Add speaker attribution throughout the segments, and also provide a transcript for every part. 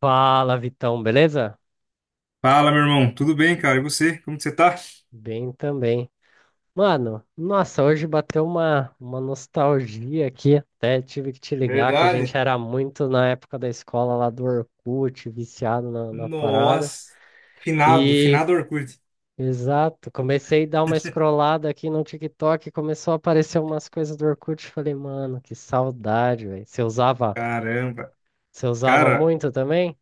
Speaker 1: Fala, Vitão, beleza?
Speaker 2: Fala, meu irmão. Tudo bem, cara? E você? Como que você tá?
Speaker 1: Bem também. Mano, nossa, hoje bateu uma nostalgia aqui. Até tive que te ligar que a gente
Speaker 2: Verdade?
Speaker 1: era muito na época da escola lá do Orkut, viciado na parada.
Speaker 2: Nossa, finado,
Speaker 1: E,
Speaker 2: finado Orkut.
Speaker 1: exato, comecei a dar uma scrollada aqui no TikTok, começou a aparecer umas coisas do Orkut. Falei, mano, que saudade, velho. Você usava,
Speaker 2: Caramba.
Speaker 1: você usava
Speaker 2: Cara,
Speaker 1: muito também?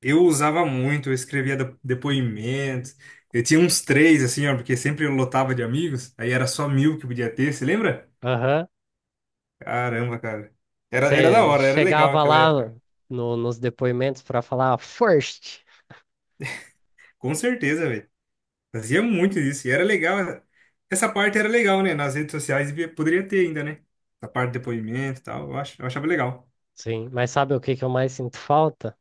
Speaker 2: eu usava muito, eu escrevia depoimentos. Eu tinha uns três, assim, ó, porque sempre eu lotava de amigos. Aí era só 1.000 que podia ter, você lembra?
Speaker 1: Aham.
Speaker 2: Caramba, cara. Era da
Speaker 1: Você
Speaker 2: hora, era legal
Speaker 1: chegava
Speaker 2: aquela
Speaker 1: lá
Speaker 2: época.
Speaker 1: nos depoimentos pra falar first.
Speaker 2: Com certeza, velho. Fazia muito isso. E era legal. Essa parte era legal, né? Nas redes sociais poderia ter ainda, né? A parte de depoimento e tal. Eu achava legal.
Speaker 1: Sim, mas sabe o que que eu mais sinto falta?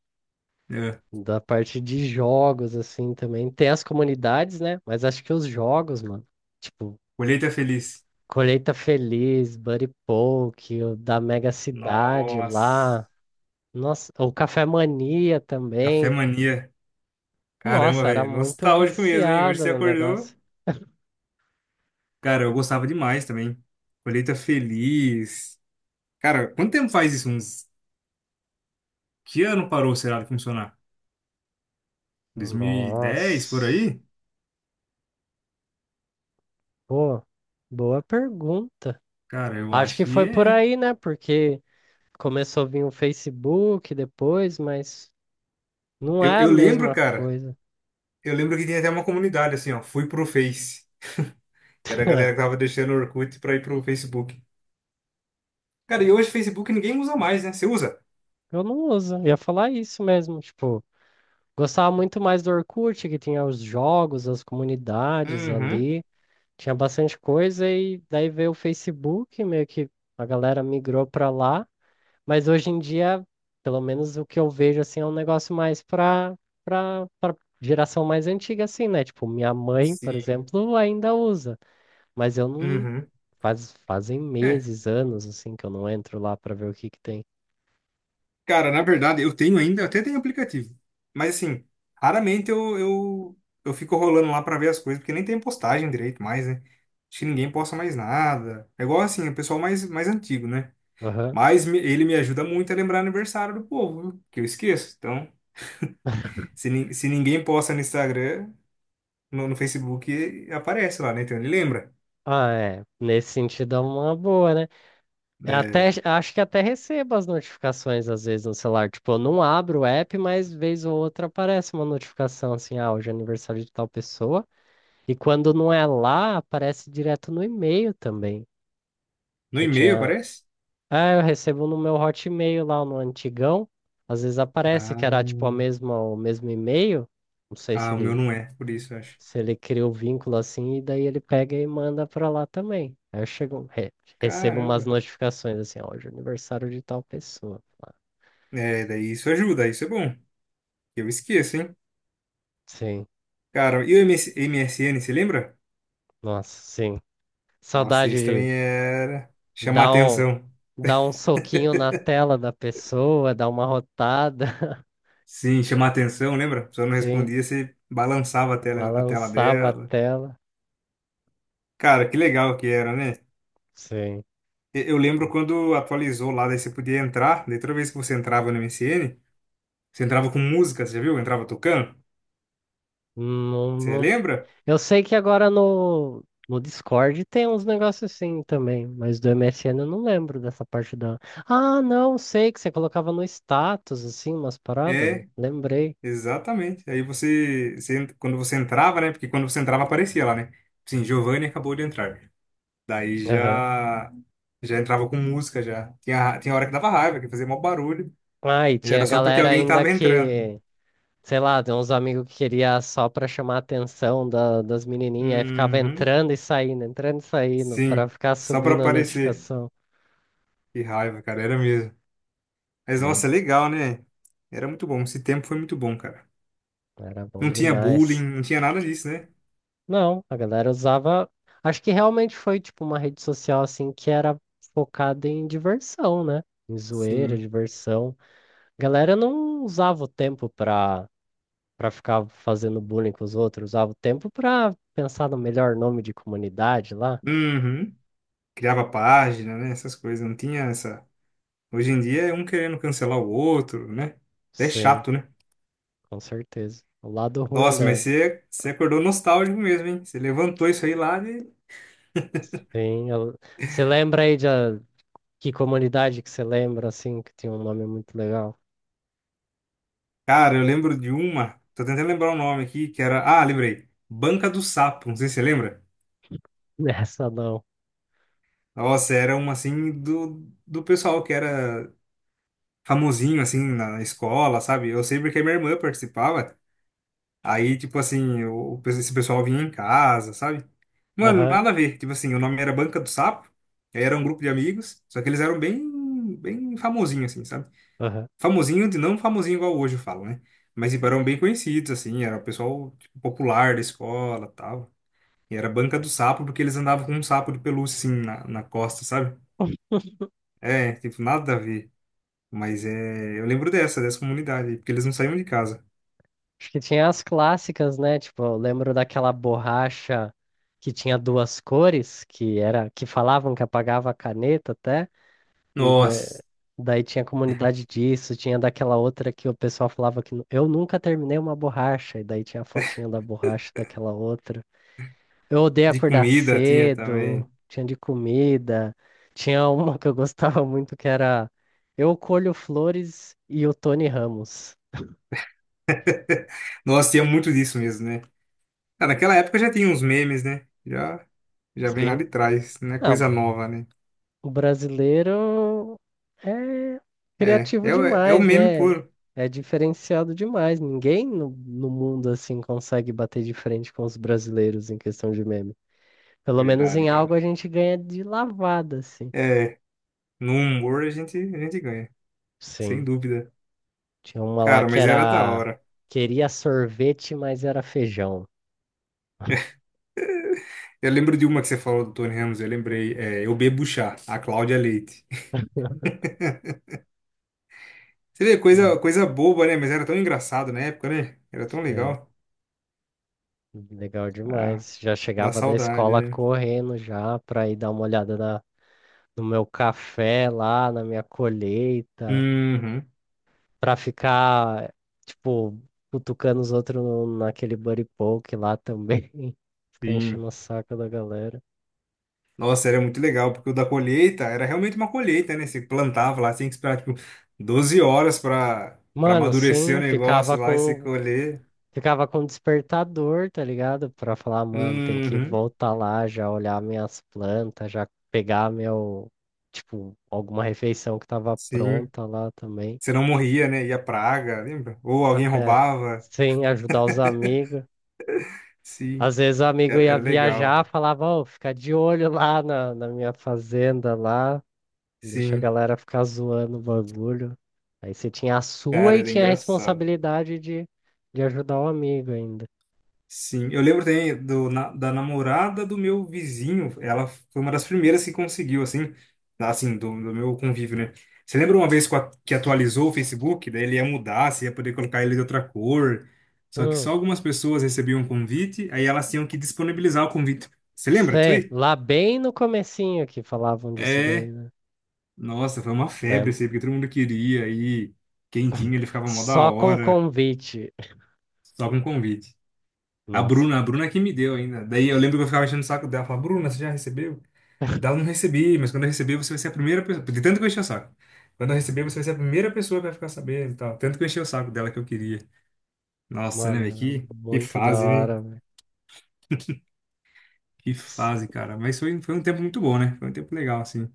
Speaker 2: É.
Speaker 1: Da parte de jogos, assim, também. Tem as comunidades, né? Mas acho que os jogos, mano, tipo,
Speaker 2: Colheita Feliz.
Speaker 1: Colheita Feliz, Buddy Poke, o da Mega Cidade
Speaker 2: Nossa.
Speaker 1: lá, nossa, o Café Mania
Speaker 2: Café
Speaker 1: também.
Speaker 2: Mania. Caramba,
Speaker 1: Nossa, era
Speaker 2: velho.
Speaker 1: muito
Speaker 2: Nostálgico mesmo, hein? Hoje
Speaker 1: viciada
Speaker 2: você
Speaker 1: no
Speaker 2: acordou.
Speaker 1: negócio.
Speaker 2: Cara, eu gostava demais também. Colheita Feliz. Cara, quanto tempo faz isso? Uns... Que ano parou, será, de funcionar? 2010, por
Speaker 1: Nossa,
Speaker 2: aí?
Speaker 1: pô, boa pergunta.
Speaker 2: Cara, eu
Speaker 1: Acho
Speaker 2: acho
Speaker 1: que
Speaker 2: que
Speaker 1: foi por
Speaker 2: é.
Speaker 1: aí, né? Porque começou a vir o Facebook depois, mas. Não
Speaker 2: Eu,
Speaker 1: é a
Speaker 2: eu lembro,
Speaker 1: mesma
Speaker 2: cara.
Speaker 1: coisa.
Speaker 2: Eu lembro que tinha até uma comunidade, assim, ó. Fui pro Face. Que era a galera que tava deixando o Orkut pra ir pro Facebook. Cara, e hoje o Facebook ninguém usa mais, né? Você usa?
Speaker 1: Eu não uso. Eu ia falar isso mesmo. Tipo, gostava muito mais do Orkut, que tinha os jogos, as comunidades
Speaker 2: Uhum.
Speaker 1: ali. Tinha bastante coisa e daí veio o Facebook, meio que a galera migrou pra lá. Mas hoje em dia, pelo menos o que eu vejo, assim, é um negócio mais pra geração mais antiga, assim, né? Tipo, minha mãe, por
Speaker 2: Sim.
Speaker 1: exemplo, ainda usa. Mas eu não...
Speaker 2: Uhum.
Speaker 1: Fazem
Speaker 2: É,
Speaker 1: meses, anos, assim, que eu não entro lá pra ver o que que tem.
Speaker 2: cara, na verdade, eu tenho ainda, eu até tenho aplicativo. Mas assim, raramente eu, eu fico rolando lá pra ver as coisas, porque nem tem postagem direito mais, né? Acho que ninguém posta mais nada. É igual assim, o pessoal mais, mais antigo, né? Mas ele me ajuda muito a lembrar aniversário do povo, viu? Que eu esqueço. Então, se ninguém posta no Instagram, no, no Facebook, aparece lá, né? Então ele lembra.
Speaker 1: Ah, é. Nesse sentido é uma boa, né? Eu
Speaker 2: É,
Speaker 1: até, acho que até recebo as notificações às vezes no celular. Tipo, eu não abro o app, mas vez ou outra aparece uma notificação assim, ah, hoje é aniversário de tal pessoa. E quando não é lá, aparece direto no e-mail também.
Speaker 2: no
Speaker 1: Que eu
Speaker 2: e-mail
Speaker 1: tinha.
Speaker 2: aparece?
Speaker 1: Ah, eu recebo no meu Hotmail lá no antigão. Às vezes aparece que era tipo a
Speaker 2: Ah,
Speaker 1: mesma, o mesmo e-mail. Não sei se
Speaker 2: ah, o meu
Speaker 1: ele.
Speaker 2: não é, por isso, eu acho.
Speaker 1: Se ele cria o vínculo assim, e daí ele pega e manda pra lá também. Aí eu chego, recebo umas
Speaker 2: Caramba.
Speaker 1: notificações assim, ó, hoje é aniversário de tal pessoa. Ah,
Speaker 2: É, daí isso ajuda, isso é bom. Eu esqueço, hein?
Speaker 1: sim,
Speaker 2: Cara, e o MS MSN, você lembra?
Speaker 1: nossa, sim.
Speaker 2: Nossa,
Speaker 1: Saudade
Speaker 2: esse
Speaker 1: de
Speaker 2: também era chamar
Speaker 1: dar um,
Speaker 2: atenção.
Speaker 1: dar um soquinho na tela da pessoa, dar uma rotada.
Speaker 2: Sim, chamar atenção, lembra? A pessoa não
Speaker 1: Sim,
Speaker 2: respondia, você balançava a tela
Speaker 1: balançava a
Speaker 2: dela.
Speaker 1: tela.
Speaker 2: Cara, que legal que era, né?
Speaker 1: Sim.
Speaker 2: Eu lembro quando atualizou lá, daí você podia entrar, daí toda vez que você entrava no MSN, você entrava com música, você já viu? Entrava tocando.
Speaker 1: Não,
Speaker 2: Você
Speaker 1: não.
Speaker 2: lembra?
Speaker 1: Eu sei que agora no Discord tem uns negócios assim também, mas do MSN eu não lembro dessa parte da. Ah, não, sei que você colocava no status, assim, umas paradas.
Speaker 2: É,
Speaker 1: Lembrei.
Speaker 2: exatamente. Aí você, você, quando você entrava, né? Porque quando você entrava aparecia lá, né? Sim, Giovanni acabou de entrar. Daí
Speaker 1: Aham.
Speaker 2: já entrava com música já. Tinha hora que dava raiva, que fazia mó barulho.
Speaker 1: Ah, e
Speaker 2: E
Speaker 1: tinha
Speaker 2: era só porque
Speaker 1: galera
Speaker 2: alguém
Speaker 1: ainda
Speaker 2: tava entrando.
Speaker 1: que, sei lá, tem uns amigos que queria só pra chamar a atenção das menininhas, aí ficava
Speaker 2: Uhum.
Speaker 1: entrando e saindo, pra
Speaker 2: Sim,
Speaker 1: ficar
Speaker 2: só pra
Speaker 1: subindo a
Speaker 2: aparecer.
Speaker 1: notificação.
Speaker 2: Que raiva, cara, era mesmo. Mas nossa,
Speaker 1: Mas
Speaker 2: legal, né? Era muito bom. Esse tempo foi muito bom, cara.
Speaker 1: era bom
Speaker 2: Não tinha bullying,
Speaker 1: demais.
Speaker 2: não tinha nada disso, né?
Speaker 1: Não, a galera usava. Acho que realmente foi tipo uma rede social assim que era focada em diversão, né? Em zoeira,
Speaker 2: Sim.
Speaker 1: diversão. A galera não usava o tempo pra, pra ficar fazendo bullying com os outros, usava o tempo pra pensar no melhor nome de comunidade lá.
Speaker 2: Uhum. Criava página, né? Essas coisas. Não tinha essa. Hoje em dia é um querendo cancelar o outro, né? É
Speaker 1: Sim,
Speaker 2: chato, né?
Speaker 1: com certeza. O lado ruim
Speaker 2: Nossa, mas
Speaker 1: da.
Speaker 2: você, você acordou nostálgico mesmo, hein? Você levantou isso aí lá de.
Speaker 1: Sim, você lembra aí que comunidade que você lembra assim que tinha um nome muito legal?
Speaker 2: Cara, eu lembro de uma. Tô tentando lembrar o nome aqui, que era. Ah, lembrei. Banca do Sapo, não sei se você lembra.
Speaker 1: Essa não.
Speaker 2: Nossa, era uma assim do pessoal que era famosinho assim na escola, sabe? Eu sei porque minha irmã participava. Aí, tipo assim, esse pessoal vinha em casa, sabe? Mano,
Speaker 1: Aham,
Speaker 2: nada a ver. Tipo assim, o nome era Banca do Sapo. Aí era um grupo de amigos, só que eles eram bem, bem famosinhos, assim, sabe?
Speaker 1: aham.
Speaker 2: Famosinho, de não famosinho igual hoje eu falo, né? Mas tipo, eram bem conhecidos, assim, era o pessoal tipo, popular da escola tal. E era banca do sapo, porque eles andavam com um sapo de pelúcia, assim, na costa, sabe? É, tipo, nada a ver. Mas é, eu lembro dessa comunidade, porque eles não saíam de casa.
Speaker 1: Acho que tinha as clássicas, né? Tipo, eu lembro daquela borracha que tinha duas cores, que era que falavam que apagava a caneta até, e
Speaker 2: Nossa,
Speaker 1: daí tinha comunidade disso, tinha daquela outra que o pessoal falava que eu nunca terminei uma borracha, e daí tinha a fotinha da borracha daquela outra. Eu odeio
Speaker 2: de
Speaker 1: acordar
Speaker 2: comida tinha
Speaker 1: cedo,
Speaker 2: também.
Speaker 1: tinha de comida, tinha uma que eu gostava muito que era eu colho flores e o Tony Ramos.
Speaker 2: Nossa, tinha muito disso mesmo, né? Ah, naquela época já tinha uns memes, né? Já vem lá
Speaker 1: Sim.
Speaker 2: de trás, não é
Speaker 1: Ah,
Speaker 2: coisa nova, né?
Speaker 1: o brasileiro é
Speaker 2: É,
Speaker 1: criativo
Speaker 2: é, o- é o
Speaker 1: demais,
Speaker 2: meme
Speaker 1: né?
Speaker 2: puro.
Speaker 1: É diferenciado demais. Ninguém no mundo assim consegue bater de frente com os brasileiros em questão de meme. Pelo menos
Speaker 2: Verdade,
Speaker 1: em algo
Speaker 2: cara.
Speaker 1: a gente ganha de lavada, assim.
Speaker 2: É, no humor a gente ganha, sem
Speaker 1: Sim.
Speaker 2: dúvida.
Speaker 1: Tinha uma lá
Speaker 2: Cara,
Speaker 1: que
Speaker 2: mas era da
Speaker 1: era
Speaker 2: hora.
Speaker 1: queria sorvete, mas era feijão.
Speaker 2: Eu lembro de uma que você falou do Tony Ramos, eu lembrei. É, eu bebo chá, a Cláudia Leite. Você vê, coisa,
Speaker 1: Mano,
Speaker 2: coisa boba, né? Mas era tão engraçado na época, né? Era tão
Speaker 1: sim.
Speaker 2: legal.
Speaker 1: Legal
Speaker 2: Ah,
Speaker 1: demais. Já
Speaker 2: dá
Speaker 1: chegava da
Speaker 2: saudade,
Speaker 1: escola
Speaker 2: né?
Speaker 1: correndo já pra ir dar uma olhada no meu café lá, na minha colheita.
Speaker 2: Uhum,
Speaker 1: Pra ficar, tipo, cutucando os outros naquele buddy poke lá também. Ficar
Speaker 2: sim.
Speaker 1: enchendo o saco da galera.
Speaker 2: Nossa, era muito legal, porque o da colheita era realmente uma colheita, né? Você plantava lá, tinha que esperar, tipo, 12 horas pra, pra
Speaker 1: Mano,
Speaker 2: amadurecer
Speaker 1: sim,
Speaker 2: o
Speaker 1: ficava
Speaker 2: negócio lá e se
Speaker 1: com.
Speaker 2: colher.
Speaker 1: Ficava com despertador, tá ligado? Pra falar, mano, tem que
Speaker 2: Uhum,
Speaker 1: voltar lá, já olhar minhas plantas, já pegar meu, tipo, alguma refeição que tava
Speaker 2: sim.
Speaker 1: pronta lá também.
Speaker 2: Você não morria, né? Ia praga, lembra? Ou
Speaker 1: Ah,
Speaker 2: alguém
Speaker 1: é,
Speaker 2: roubava.
Speaker 1: sim, ajudar os amigos.
Speaker 2: Sim,
Speaker 1: Às vezes o amigo
Speaker 2: era,
Speaker 1: ia
Speaker 2: era legal.
Speaker 1: viajar, falava, ô, fica de olho lá na minha fazenda lá. Deixa a
Speaker 2: Sim,
Speaker 1: galera ficar zoando o bagulho. Aí você tinha a sua
Speaker 2: cara,
Speaker 1: e
Speaker 2: era
Speaker 1: tinha a
Speaker 2: engraçado.
Speaker 1: responsabilidade de ajudar o amigo ainda.
Speaker 2: Sim, eu lembro também do, da namorada do meu vizinho. Ela foi uma das primeiras que conseguiu, assim, assim, do meu convívio, né? Você lembra uma vez que atualizou o Facebook? Daí ele ia mudar, você ia poder colocar ele de outra cor. Só que
Speaker 1: Hum,
Speaker 2: só algumas pessoas recebiam o convite, aí elas tinham que disponibilizar o convite. Você lembra disso
Speaker 1: sei.
Speaker 2: aí?
Speaker 1: Lá bem no comecinho que falavam disso daí,
Speaker 2: É.
Speaker 1: né?
Speaker 2: Nossa, foi uma febre
Speaker 1: Lembro.
Speaker 2: isso aí, porque todo mundo queria e quem tinha, ele ficava mó da
Speaker 1: Só com
Speaker 2: hora,
Speaker 1: convite.
Speaker 2: só com convite. A
Speaker 1: Nossa,
Speaker 2: Bruna, a Bruna que me deu ainda. Daí eu lembro que eu ficava enchendo o saco dela, falava, Bruna, você já recebeu? Dela, não recebi, mas quando eu receber, você vai ser a primeira pessoa. De tanto que eu enchi o saco. Quando eu receber, você vai ser a primeira pessoa que vai ficar sabendo e tal. Tanto que eu enchi o saco dela que eu queria. Nossa, né,
Speaker 1: mano,
Speaker 2: velho?
Speaker 1: era
Speaker 2: Que
Speaker 1: muito da
Speaker 2: fase, né?
Speaker 1: hora, velho.
Speaker 2: Que
Speaker 1: S-
Speaker 2: fase, cara. Mas foi um tempo muito bom, né? Foi um tempo legal, assim.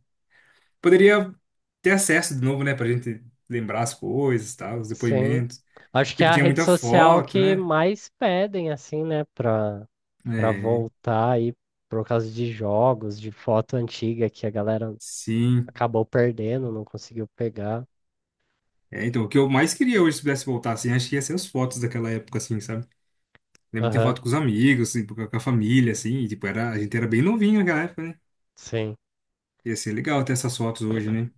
Speaker 2: Poderia ter acesso de novo, né, pra gente lembrar as coisas, tal, os
Speaker 1: sim.
Speaker 2: depoimentos.
Speaker 1: Acho que é
Speaker 2: Tipo,
Speaker 1: a
Speaker 2: tinha
Speaker 1: rede
Speaker 2: muita
Speaker 1: social
Speaker 2: foto,
Speaker 1: que
Speaker 2: né?
Speaker 1: mais pedem, assim, né? Pra, pra
Speaker 2: É,
Speaker 1: voltar aí por causa de jogos, de foto antiga que a galera
Speaker 2: sim.
Speaker 1: acabou perdendo, não conseguiu pegar.
Speaker 2: É, então, o que eu mais queria hoje, se pudesse voltar, assim, acho que ia ser as fotos daquela época, assim, sabe? Lembro de ter
Speaker 1: Aham,
Speaker 2: foto com os amigos, assim, com a família, assim, e, tipo, era, a gente era bem novinho naquela época, né?
Speaker 1: sim.
Speaker 2: Ia ser legal ter essas fotos hoje, né?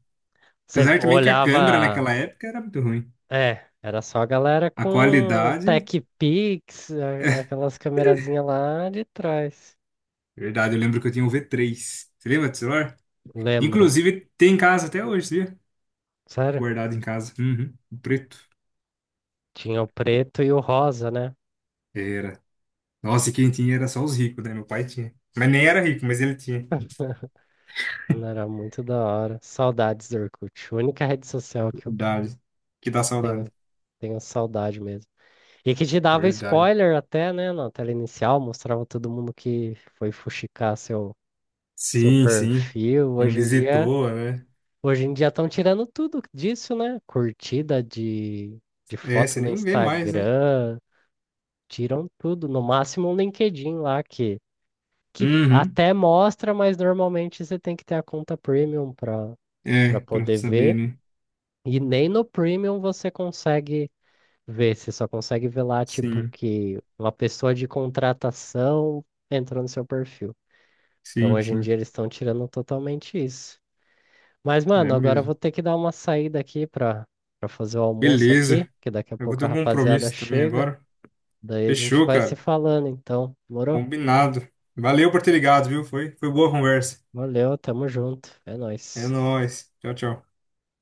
Speaker 1: Você
Speaker 2: Apesar também que a câmera
Speaker 1: olhava.
Speaker 2: naquela época era muito ruim.
Speaker 1: É, era só a galera
Speaker 2: A
Speaker 1: com
Speaker 2: qualidade,
Speaker 1: Tech Pix, aquelas câmerazinhas lá de trás.
Speaker 2: verdade, eu lembro que eu tinha um V3. Você lembra do celular?
Speaker 1: Lembro.
Speaker 2: Inclusive, tem em casa até hoje, sabia?
Speaker 1: Sério?
Speaker 2: Guardado em casa. Uhum, o preto.
Speaker 1: Tinha o preto e o rosa, né?
Speaker 2: Era. Nossa, e quem tinha era só os ricos, né? Meu pai tinha. Mas nem era rico, mas ele tinha.
Speaker 1: Mano, era muito da hora. Saudades do Orkut. A única rede social que eu
Speaker 2: Verdade. Que dá
Speaker 1: tenho,
Speaker 2: saudade.
Speaker 1: tenho saudade mesmo. E que te dava
Speaker 2: Verdade.
Speaker 1: spoiler até, né? Na tela inicial, mostrava todo mundo que foi fuxicar seu, seu
Speaker 2: Sim, sim.
Speaker 1: perfil.
Speaker 2: Quem
Speaker 1: Hoje em dia.
Speaker 2: visitou, né?
Speaker 1: Hoje em dia estão tirando tudo disso, né? Curtida de
Speaker 2: É,
Speaker 1: foto
Speaker 2: você
Speaker 1: no
Speaker 2: nem vê mais, né?
Speaker 1: Instagram, tiram tudo. No máximo um LinkedIn lá que
Speaker 2: Uhum.
Speaker 1: até mostra, mas normalmente você tem que ter a conta premium para
Speaker 2: É, pra
Speaker 1: poder
Speaker 2: saber,
Speaker 1: ver.
Speaker 2: né?
Speaker 1: E nem no premium você consegue ver, você só consegue ver lá, tipo,
Speaker 2: Sim,
Speaker 1: que uma pessoa de contratação entrou no seu perfil. Então
Speaker 2: sim,
Speaker 1: hoje em
Speaker 2: sim.
Speaker 1: dia eles estão tirando totalmente isso. Mas,
Speaker 2: É
Speaker 1: mano, agora eu
Speaker 2: mesmo.
Speaker 1: vou ter que dar uma saída aqui pra, pra fazer o almoço aqui,
Speaker 2: Beleza.
Speaker 1: que daqui a
Speaker 2: Eu vou
Speaker 1: pouco
Speaker 2: ter
Speaker 1: a
Speaker 2: um
Speaker 1: rapaziada
Speaker 2: compromisso também
Speaker 1: chega.
Speaker 2: agora.
Speaker 1: Daí a gente
Speaker 2: Fechou,
Speaker 1: vai se
Speaker 2: cara.
Speaker 1: falando, então. Demorou?
Speaker 2: Combinado. Valeu por ter ligado, viu? Foi boa a conversa.
Speaker 1: Valeu, tamo junto. É
Speaker 2: É
Speaker 1: nóis.
Speaker 2: nóis. Tchau, tchau.